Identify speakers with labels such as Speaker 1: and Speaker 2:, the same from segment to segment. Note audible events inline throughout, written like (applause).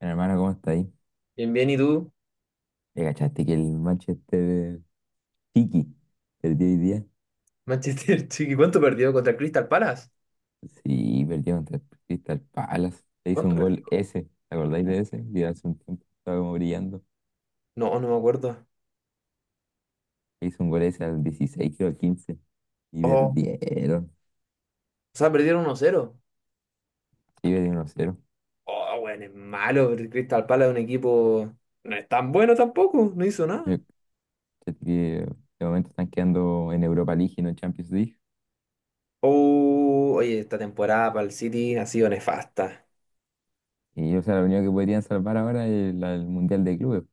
Speaker 1: Bueno, Hermano, ¿cómo está ahí?
Speaker 2: Bien, bien, ¿y tú?
Speaker 1: ¿Le cachaste que el Manchester City perdió hoy día?
Speaker 2: Manchester (laughs) City, ¿cuánto perdió? ¿Contra el Crystal Palace?
Speaker 1: Sí, perdió contra el Crystal Palace. Le hizo un
Speaker 2: ¿Cuánto perdió?
Speaker 1: gol ese, ¿te acordáis de ese? Que hace un tiempo estaba como brillando.
Speaker 2: No, me acuerdo.
Speaker 1: Le hizo un gol ese al 16 creo, al 15 y
Speaker 2: Oh, o
Speaker 1: perdieron.
Speaker 2: sea, perdieron uno cero.
Speaker 1: Sí, perdieron 1-0.
Speaker 2: Oh, bueno, es malo, pero el Crystal Palace es un equipo... No es tan bueno tampoco, no hizo nada.
Speaker 1: Le cachaste que De momento están quedando en Europa League y no en Champions League.
Speaker 2: Oh, oye, esta temporada para el City ha sido nefasta.
Speaker 1: Y o sea, lo único que podrían salvar ahora es el Mundial de Clubes.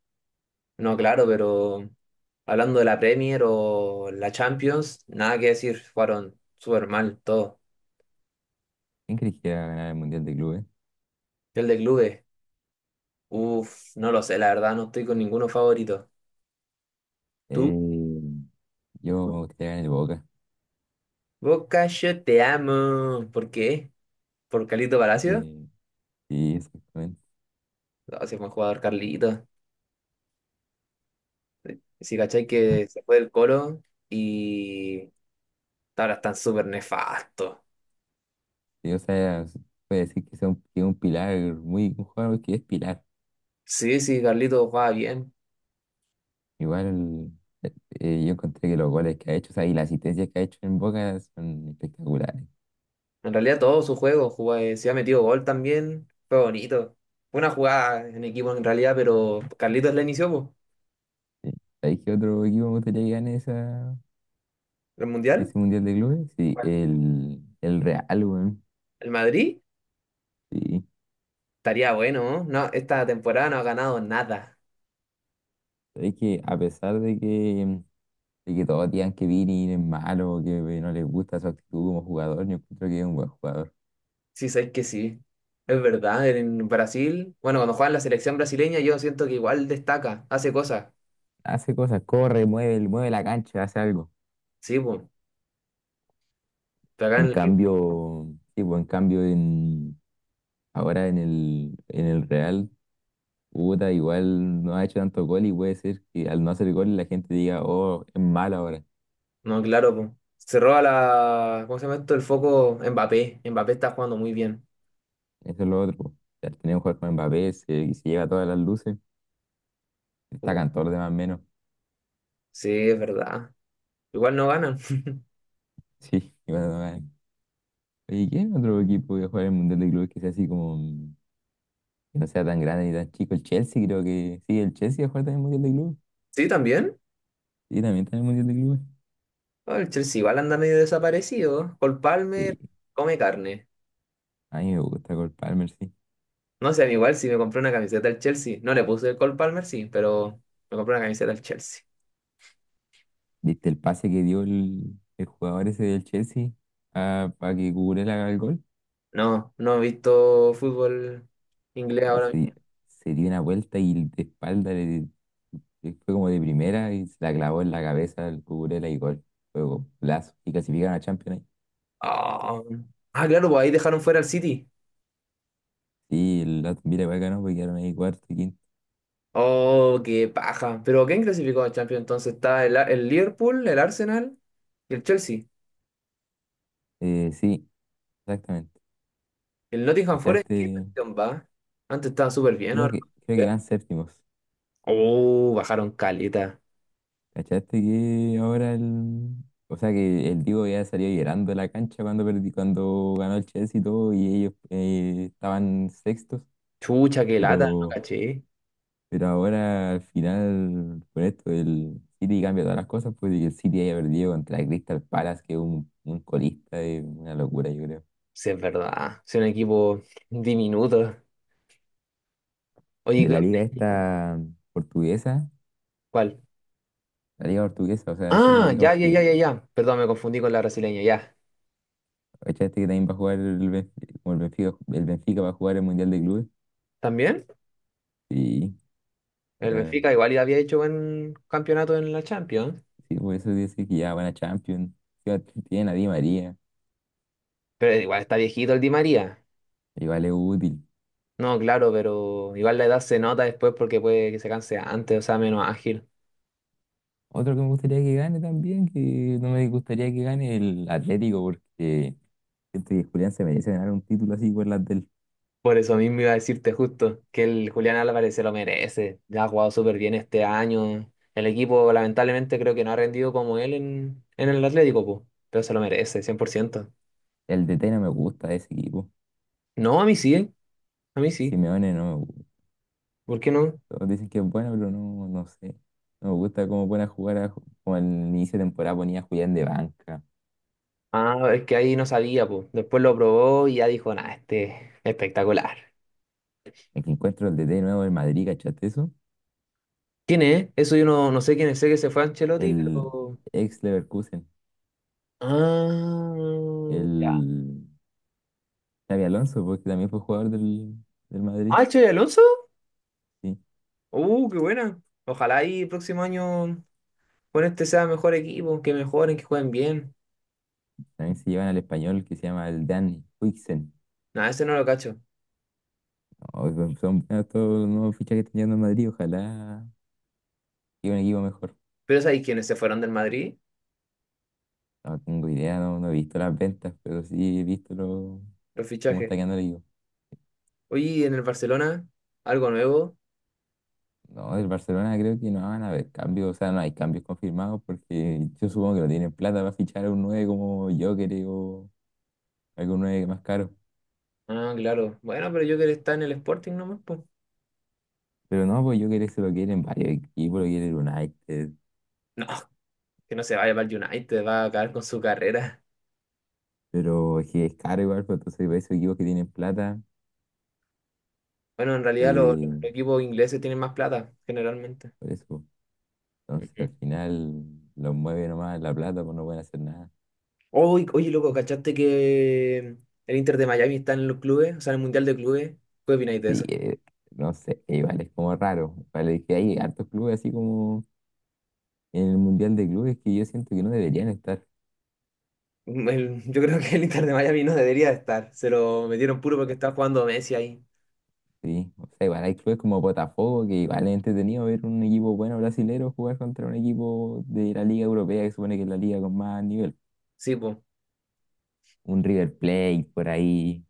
Speaker 2: No, claro, pero hablando de la Premier o la Champions, nada que decir, fueron súper mal todo.
Speaker 1: ¿Quién crees que va a ganar el Mundial de Clubes?
Speaker 2: El de clubes, uff, no lo sé, la verdad, no estoy con ninguno favorito. ¿Tú?
Speaker 1: Eh, yo me gustaría ganar el Boca.
Speaker 2: Boca, yo te amo. ¿Por qué? ¿Por Carlito Palacio?
Speaker 1: Que Sí, exactamente.
Speaker 2: No, si fue un jugador Carlito. Sí, cachai que se fue del Colo y ahora están súper nefastos.
Speaker 1: Sí, o sea, se puede decir que es un pilar, muy, un jugador que es pilar.
Speaker 2: Sí, sí, Carlito jugaba bien.
Speaker 1: Igual eh, yo encontré que los goles que ha hecho, o sea, y las asistencias que ha hecho en Boca son espectaculares.
Speaker 2: En realidad todo su juego jugaba, si ha metido gol también, fue bonito. Fue una jugada en equipo en realidad, pero Carlitos la inició, po.
Speaker 1: Sí. ¿Sabéis qué otro equipo me gustaría que gane
Speaker 2: ¿El Mundial?
Speaker 1: ese Mundial de Clubes? Sí,
Speaker 2: Bueno.
Speaker 1: el Real, weón.
Speaker 2: El Madrid
Speaker 1: Sí.
Speaker 2: estaría bueno, ¿no? No, esta temporada no ha ganado nada.
Speaker 1: ¿Sabéis que a pesar de que todos digan que Vini es malo, que no les gusta su actitud como jugador, yo encuentro que es un buen jugador.
Speaker 2: Sí, sabes que sí. Es verdad, en Brasil, bueno, cuando juega en la selección brasileña, yo siento que igual destaca, hace cosas.
Speaker 1: Hace cosas, corre, mueve, mueve la cancha, hace algo.
Speaker 2: Sí, pues. Pero acá
Speaker 1: En
Speaker 2: en el...
Speaker 1: cambio, sí, pues, en cambio en, ahora en el, Real, puta, igual no ha hecho tanto gol y puede ser que al no hacer gol la gente diga, oh, es malo ahora.
Speaker 2: No, claro, pues. Se roba la. ¿Cómo se llama esto? El foco Mbappé. Mbappé está jugando muy bien.
Speaker 1: Eso es lo otro, po. Al tener un jugador como Mbappé y se lleva todas las luces, destacan todos los demás menos. (laughs)
Speaker 2: Sí, es verdad. Igual no ganan. (laughs)
Speaker 1: Sí, y bueno, vale. Oye, ¿qué otro equipo que juega en el Mundial de Clubes que sea así como, que no sea tan grande ni tan chico? El Chelsea creo que, sí, el Chelsea va a jugar también el Mundial de Clubes.
Speaker 2: Sí, también.
Speaker 1: Sí, también está en el Mundial de Clubes.
Speaker 2: Ah, el Chelsea igual anda medio desaparecido. Cole
Speaker 1: Sí,
Speaker 2: Palmer come carne.
Speaker 1: a mí me gusta Cole Palmer, sí.
Speaker 2: No sé, a mí igual si me compré una camiseta del Chelsea. No le puse el Cole Palmer, sí, pero me compré una camiseta del Chelsea.
Speaker 1: ¿Viste el pase que dio el jugador ese del Chelsea para que Cucurella haga el gol?
Speaker 2: No, no he visto fútbol inglés
Speaker 1: O
Speaker 2: ahora
Speaker 1: se,
Speaker 2: mismo.
Speaker 1: se dio una vuelta y de espalda le fue como de primera y se la clavó en la cabeza al Cucurella y gol. Fue plazo y clasificaron a Champions League.
Speaker 2: Ah, Ah, claro, pues ahí dejaron fuera al City.
Speaker 1: Sí, el Aston Villa igual ganó porque quedaron ahí cuarto y quinto.
Speaker 2: Oh, qué paja. Pero ¿quién clasificó a Champions? Entonces está el Liverpool, el Arsenal y el Chelsea.
Speaker 1: Sí, exactamente.
Speaker 2: El Nottingham Forest, ¿qué
Speaker 1: ¿Cachaste?
Speaker 2: cuestión va? Antes estaba súper bien,
Speaker 1: Creo
Speaker 2: ahora.
Speaker 1: que, creo
Speaker 2: No.
Speaker 1: que van séptimos.
Speaker 2: Oh, bajaron caleta.
Speaker 1: ¿Cachaste que ahora el... O sea que el Diego ya salió llorando de la cancha cuando cuando ganó el Chelsea y todo, y ellos estaban sextos,
Speaker 2: Chucha, qué lata, no
Speaker 1: pero,
Speaker 2: caché.
Speaker 1: pero ahora al final, por esto, el City cambia todas las cosas, pues y el City haya perdido contra el Crystal Palace, que es un colista, es una locura, yo creo.
Speaker 2: Sí, es verdad. Es un equipo diminuto. Oye,
Speaker 1: De
Speaker 2: ¿qué-
Speaker 1: la liga esta portuguesa,
Speaker 2: ¿cuál?
Speaker 1: la liga portuguesa, o sea, sí, por la
Speaker 2: Ah,
Speaker 1: liga
Speaker 2: ya, ya, ya,
Speaker 1: portuguesa.
Speaker 2: ya, ya. Perdón, me confundí con la brasileña, ya.
Speaker 1: ¿Cachaste que también va a jugar el Benfica, como el Benfica va a jugar el Mundial de Clubes?
Speaker 2: ¿También?
Speaker 1: Sí.
Speaker 2: El Benfica igual ya había hecho buen campeonato en la Champions,
Speaker 1: Sí, por eso dice que ya van a Champions. Ya tienen a Di María,
Speaker 2: pero igual está viejito el Di María.
Speaker 1: igual es útil.
Speaker 2: No, claro, pero igual la edad se nota después porque puede que se canse antes, o sea, menos ágil.
Speaker 1: Otro que me gustaría que gane también, que no me gustaría que gane el Atlético, porque siento que Julián se merece ganar un título así por las del.
Speaker 2: Por eso mismo iba a decirte justo que el Julián Álvarez se lo merece. Ya ha jugado súper bien este año. El equipo lamentablemente creo que no ha rendido como él en el Atlético, po, pero se lo merece, 100%.
Speaker 1: El DT no me gusta de ese equipo.
Speaker 2: No, a mí sí, ¿eh? A mí sí.
Speaker 1: Simeone no me gusta.
Speaker 2: ¿Por qué no?
Speaker 1: Todos dicen que es bueno, pero no, no sé. No me gusta cómo pone a jugar, como al inicio de temporada ponía a Julián de banca.
Speaker 2: Ah, es que ahí no sabía, pues. Después lo probó y ya dijo, nada, este espectacular.
Speaker 1: El que encuentro el DT nuevo del Madrid, ¿cachaste eso?
Speaker 2: ¿Quién es? Eso yo no sé quién es, sé que se fue Ancelotti,
Speaker 1: El
Speaker 2: pero.
Speaker 1: ex Leverkusen. El
Speaker 2: Ah, ya.
Speaker 1: Xabi Alonso, porque también fue jugador del Madrid.
Speaker 2: ¿Ah, el Xabi Alonso?
Speaker 1: Sí.
Speaker 2: Qué buena. Ojalá y el próximo año con este sea mejor equipo, que mejoren, que jueguen bien.
Speaker 1: También se llevan al español que se llama el Dan Huijsen.
Speaker 2: Nada, ese no lo cacho.
Speaker 1: No, son buenos todos los nuevos fichajes que están llegando al Madrid. Ojalá llegue un equipo mejor.
Speaker 2: Pero ¿sabéis quiénes se fueron del Madrid?
Speaker 1: No tengo idea, no, no he visto las ventas, pero sí he visto
Speaker 2: Los
Speaker 1: cómo está
Speaker 2: fichajes.
Speaker 1: quedando el equipo.
Speaker 2: Oye, ¿y en el Barcelona, algo nuevo.
Speaker 1: No, del Barcelona creo que no van a haber cambios, o sea, no hay cambios confirmados porque yo supongo que no tienen plata para fichar a un 9 como Joker o algún 9 más caro.
Speaker 2: Ah, claro. Bueno, pero yo que está en el Sporting nomás, pues.
Speaker 1: Pero no, pues Joker se lo quieren varios equipos, lo quiere el United.
Speaker 2: No, que no se vaya para el United, va a acabar con su carrera.
Speaker 1: Pero es que es caro igual, pues, entonces para esos equipos que tienen plata,
Speaker 2: Bueno, en realidad los
Speaker 1: eh,
Speaker 2: equipos ingleses tienen más plata, generalmente.
Speaker 1: por eso. Entonces al
Speaker 2: Ujú.
Speaker 1: final los mueve nomás la plata, pues no pueden hacer nada.
Speaker 2: Oy- oye, loco, ¿cachaste que el Inter de Miami está en los clubes? O sea, en el Mundial de Clubes. ¿Qué opináis de
Speaker 1: Sí,
Speaker 2: eso?
Speaker 1: no sé, igual es como raro. Vale, es que hay hartos clubes así como en el Mundial de Clubes que yo siento que no deberían estar.
Speaker 2: Mm, el- yo creo que el Inter de Miami no debería estar. Se lo metieron puro porque está jugando Messi ahí.
Speaker 1: Sí, o sea, igual hay clubes como Botafogo que igual es entretenido ver un equipo bueno brasilero jugar contra un equipo de la Liga Europea que supone que es la liga con más nivel.
Speaker 2: Sí, pues.
Speaker 1: Un River Plate por ahí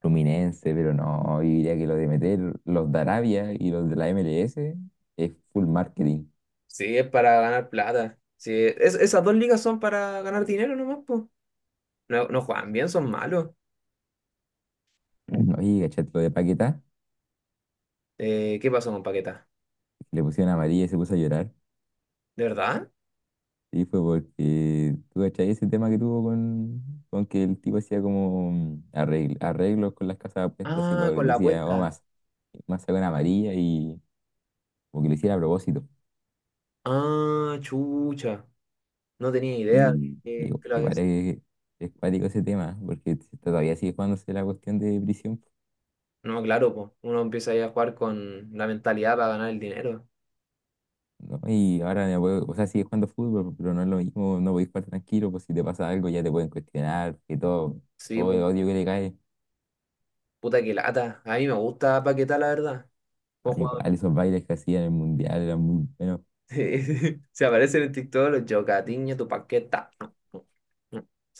Speaker 1: Fluminense, pero no, yo diría que lo de meter los de Arabia y los de la MLS es full marketing.
Speaker 2: Sí, es para ganar plata. Sí, es- esas dos ligas son para ganar dinero nomás, pues. No, no juegan bien, son malos.
Speaker 1: (clears throat) Oye, ¿cachai? Lo de Paquetá,
Speaker 2: ¿Qué pasó con Paquetá?
Speaker 1: que le pusieron amarilla y se puso a llorar.
Speaker 2: ¿De verdad?
Speaker 1: Y fue porque, ¿tú cachai? Ese tema que tuvo con que el tipo hacía como arreglos con las casas de apuestas y
Speaker 2: Ah, con la
Speaker 1: decía, oh,
Speaker 2: apuesta.
Speaker 1: más, más sacó una amarilla y como que lo hiciera a propósito.
Speaker 2: Ah, chucha. No tenía idea de
Speaker 1: Y
Speaker 2: que lo habían.
Speaker 1: igual es cuático ese tema, porque todavía sigue jugándose la cuestión de prisión,
Speaker 2: No, claro, po. Uno empieza ahí a jugar con la mentalidad para ganar el dinero.
Speaker 1: ¿no? Y ahora, o sea, sigue jugando fútbol, pero no es lo mismo, no podéis jugar tranquilo, pues si te pasa algo ya te pueden cuestionar, que todo,
Speaker 2: Sí,
Speaker 1: todo el
Speaker 2: po.
Speaker 1: odio que le cae.
Speaker 2: Puta que lata. A mí me gusta Paquetá, la verdad. Como
Speaker 1: Al
Speaker 2: jugador.
Speaker 1: igual esos bailes que hacían en el Mundial eran muy buenos.
Speaker 2: (laughs) Se aparecen en TikTok los Jocatiño, tu Paquetá.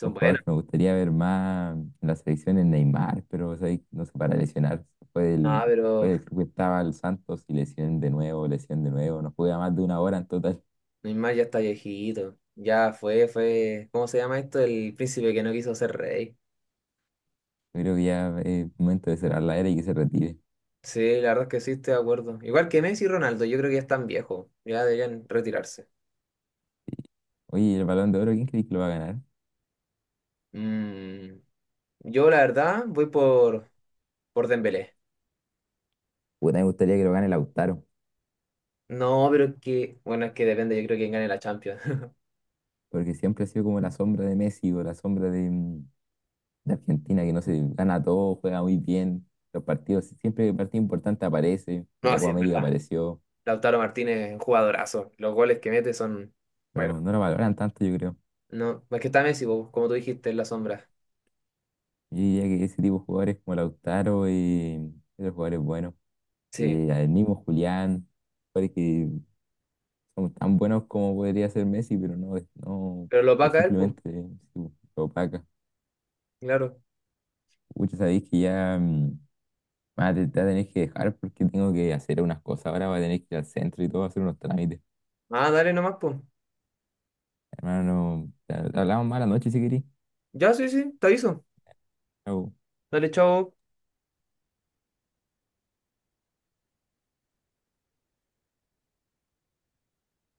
Speaker 1: Un
Speaker 2: buenas.
Speaker 1: jugador que me gustaría ver más en la selección es Neymar, pero o sea, ahí no sé, para lesionar. Fue
Speaker 2: No,
Speaker 1: del, fue
Speaker 2: pero
Speaker 1: del club que estaba el Santos y lesión de nuevo, lesión de nuevo. No juega más de una hora en total.
Speaker 2: Neymar ya está viejito. Ya fue, fue. ¿Cómo se llama esto? El príncipe que no quiso ser rey.
Speaker 1: Yo creo que ya es momento de cerrar la era y que se retire.
Speaker 2: Sí, la verdad es que sí, estoy de acuerdo. Igual que Messi y Ronaldo, yo creo que ya están viejos. Ya deberían retirarse.
Speaker 1: Oye, ¿y el Balón de Oro, quién crees que lo va a ganar?
Speaker 2: Mm, yo, la verdad, voy por Dembélé.
Speaker 1: Puta, me gustaría que lo gane Lautaro.
Speaker 2: No, pero es que, bueno, es que depende, yo creo quién gane la Champions. (laughs)
Speaker 1: Porque siempre ha sido como la sombra de Messi o la sombra de, de Argentina, que no se gana todo, juega muy bien. Los partidos, si, siempre que partido importante aparece, en
Speaker 2: No,
Speaker 1: la
Speaker 2: sí,
Speaker 1: Copa
Speaker 2: es
Speaker 1: América
Speaker 2: verdad.
Speaker 1: apareció,
Speaker 2: Lautaro Martínez es un jugadorazo. Los goles que mete son, bueno,
Speaker 1: pero no lo valoran tanto, yo creo.
Speaker 2: no, es que está Messi, po, como tú dijiste, en la sombra.
Speaker 1: Yo diría que ese tipo de jugadores como Lautaro y otros jugadores buenos,
Speaker 2: Sí,
Speaker 1: el mismo Julián, jugadores que son tan buenos como podría ser Messi, pero no, no
Speaker 2: pero lo va a
Speaker 1: por
Speaker 2: caer, pues,
Speaker 1: simplemente su opaca.
Speaker 2: claro.
Speaker 1: Muchos sabéis que ya. Ah, te voy a tener que dejar porque tengo que hacer unas cosas. Ahora voy a tener que ir al centro y todo, hacer unos trámites.
Speaker 2: Ah, dale nomás, pues.
Speaker 1: Hermano, te hablamos más la noche si querís.
Speaker 2: Ya, sí, sí, te aviso.
Speaker 1: Chau.
Speaker 2: Dale, chao.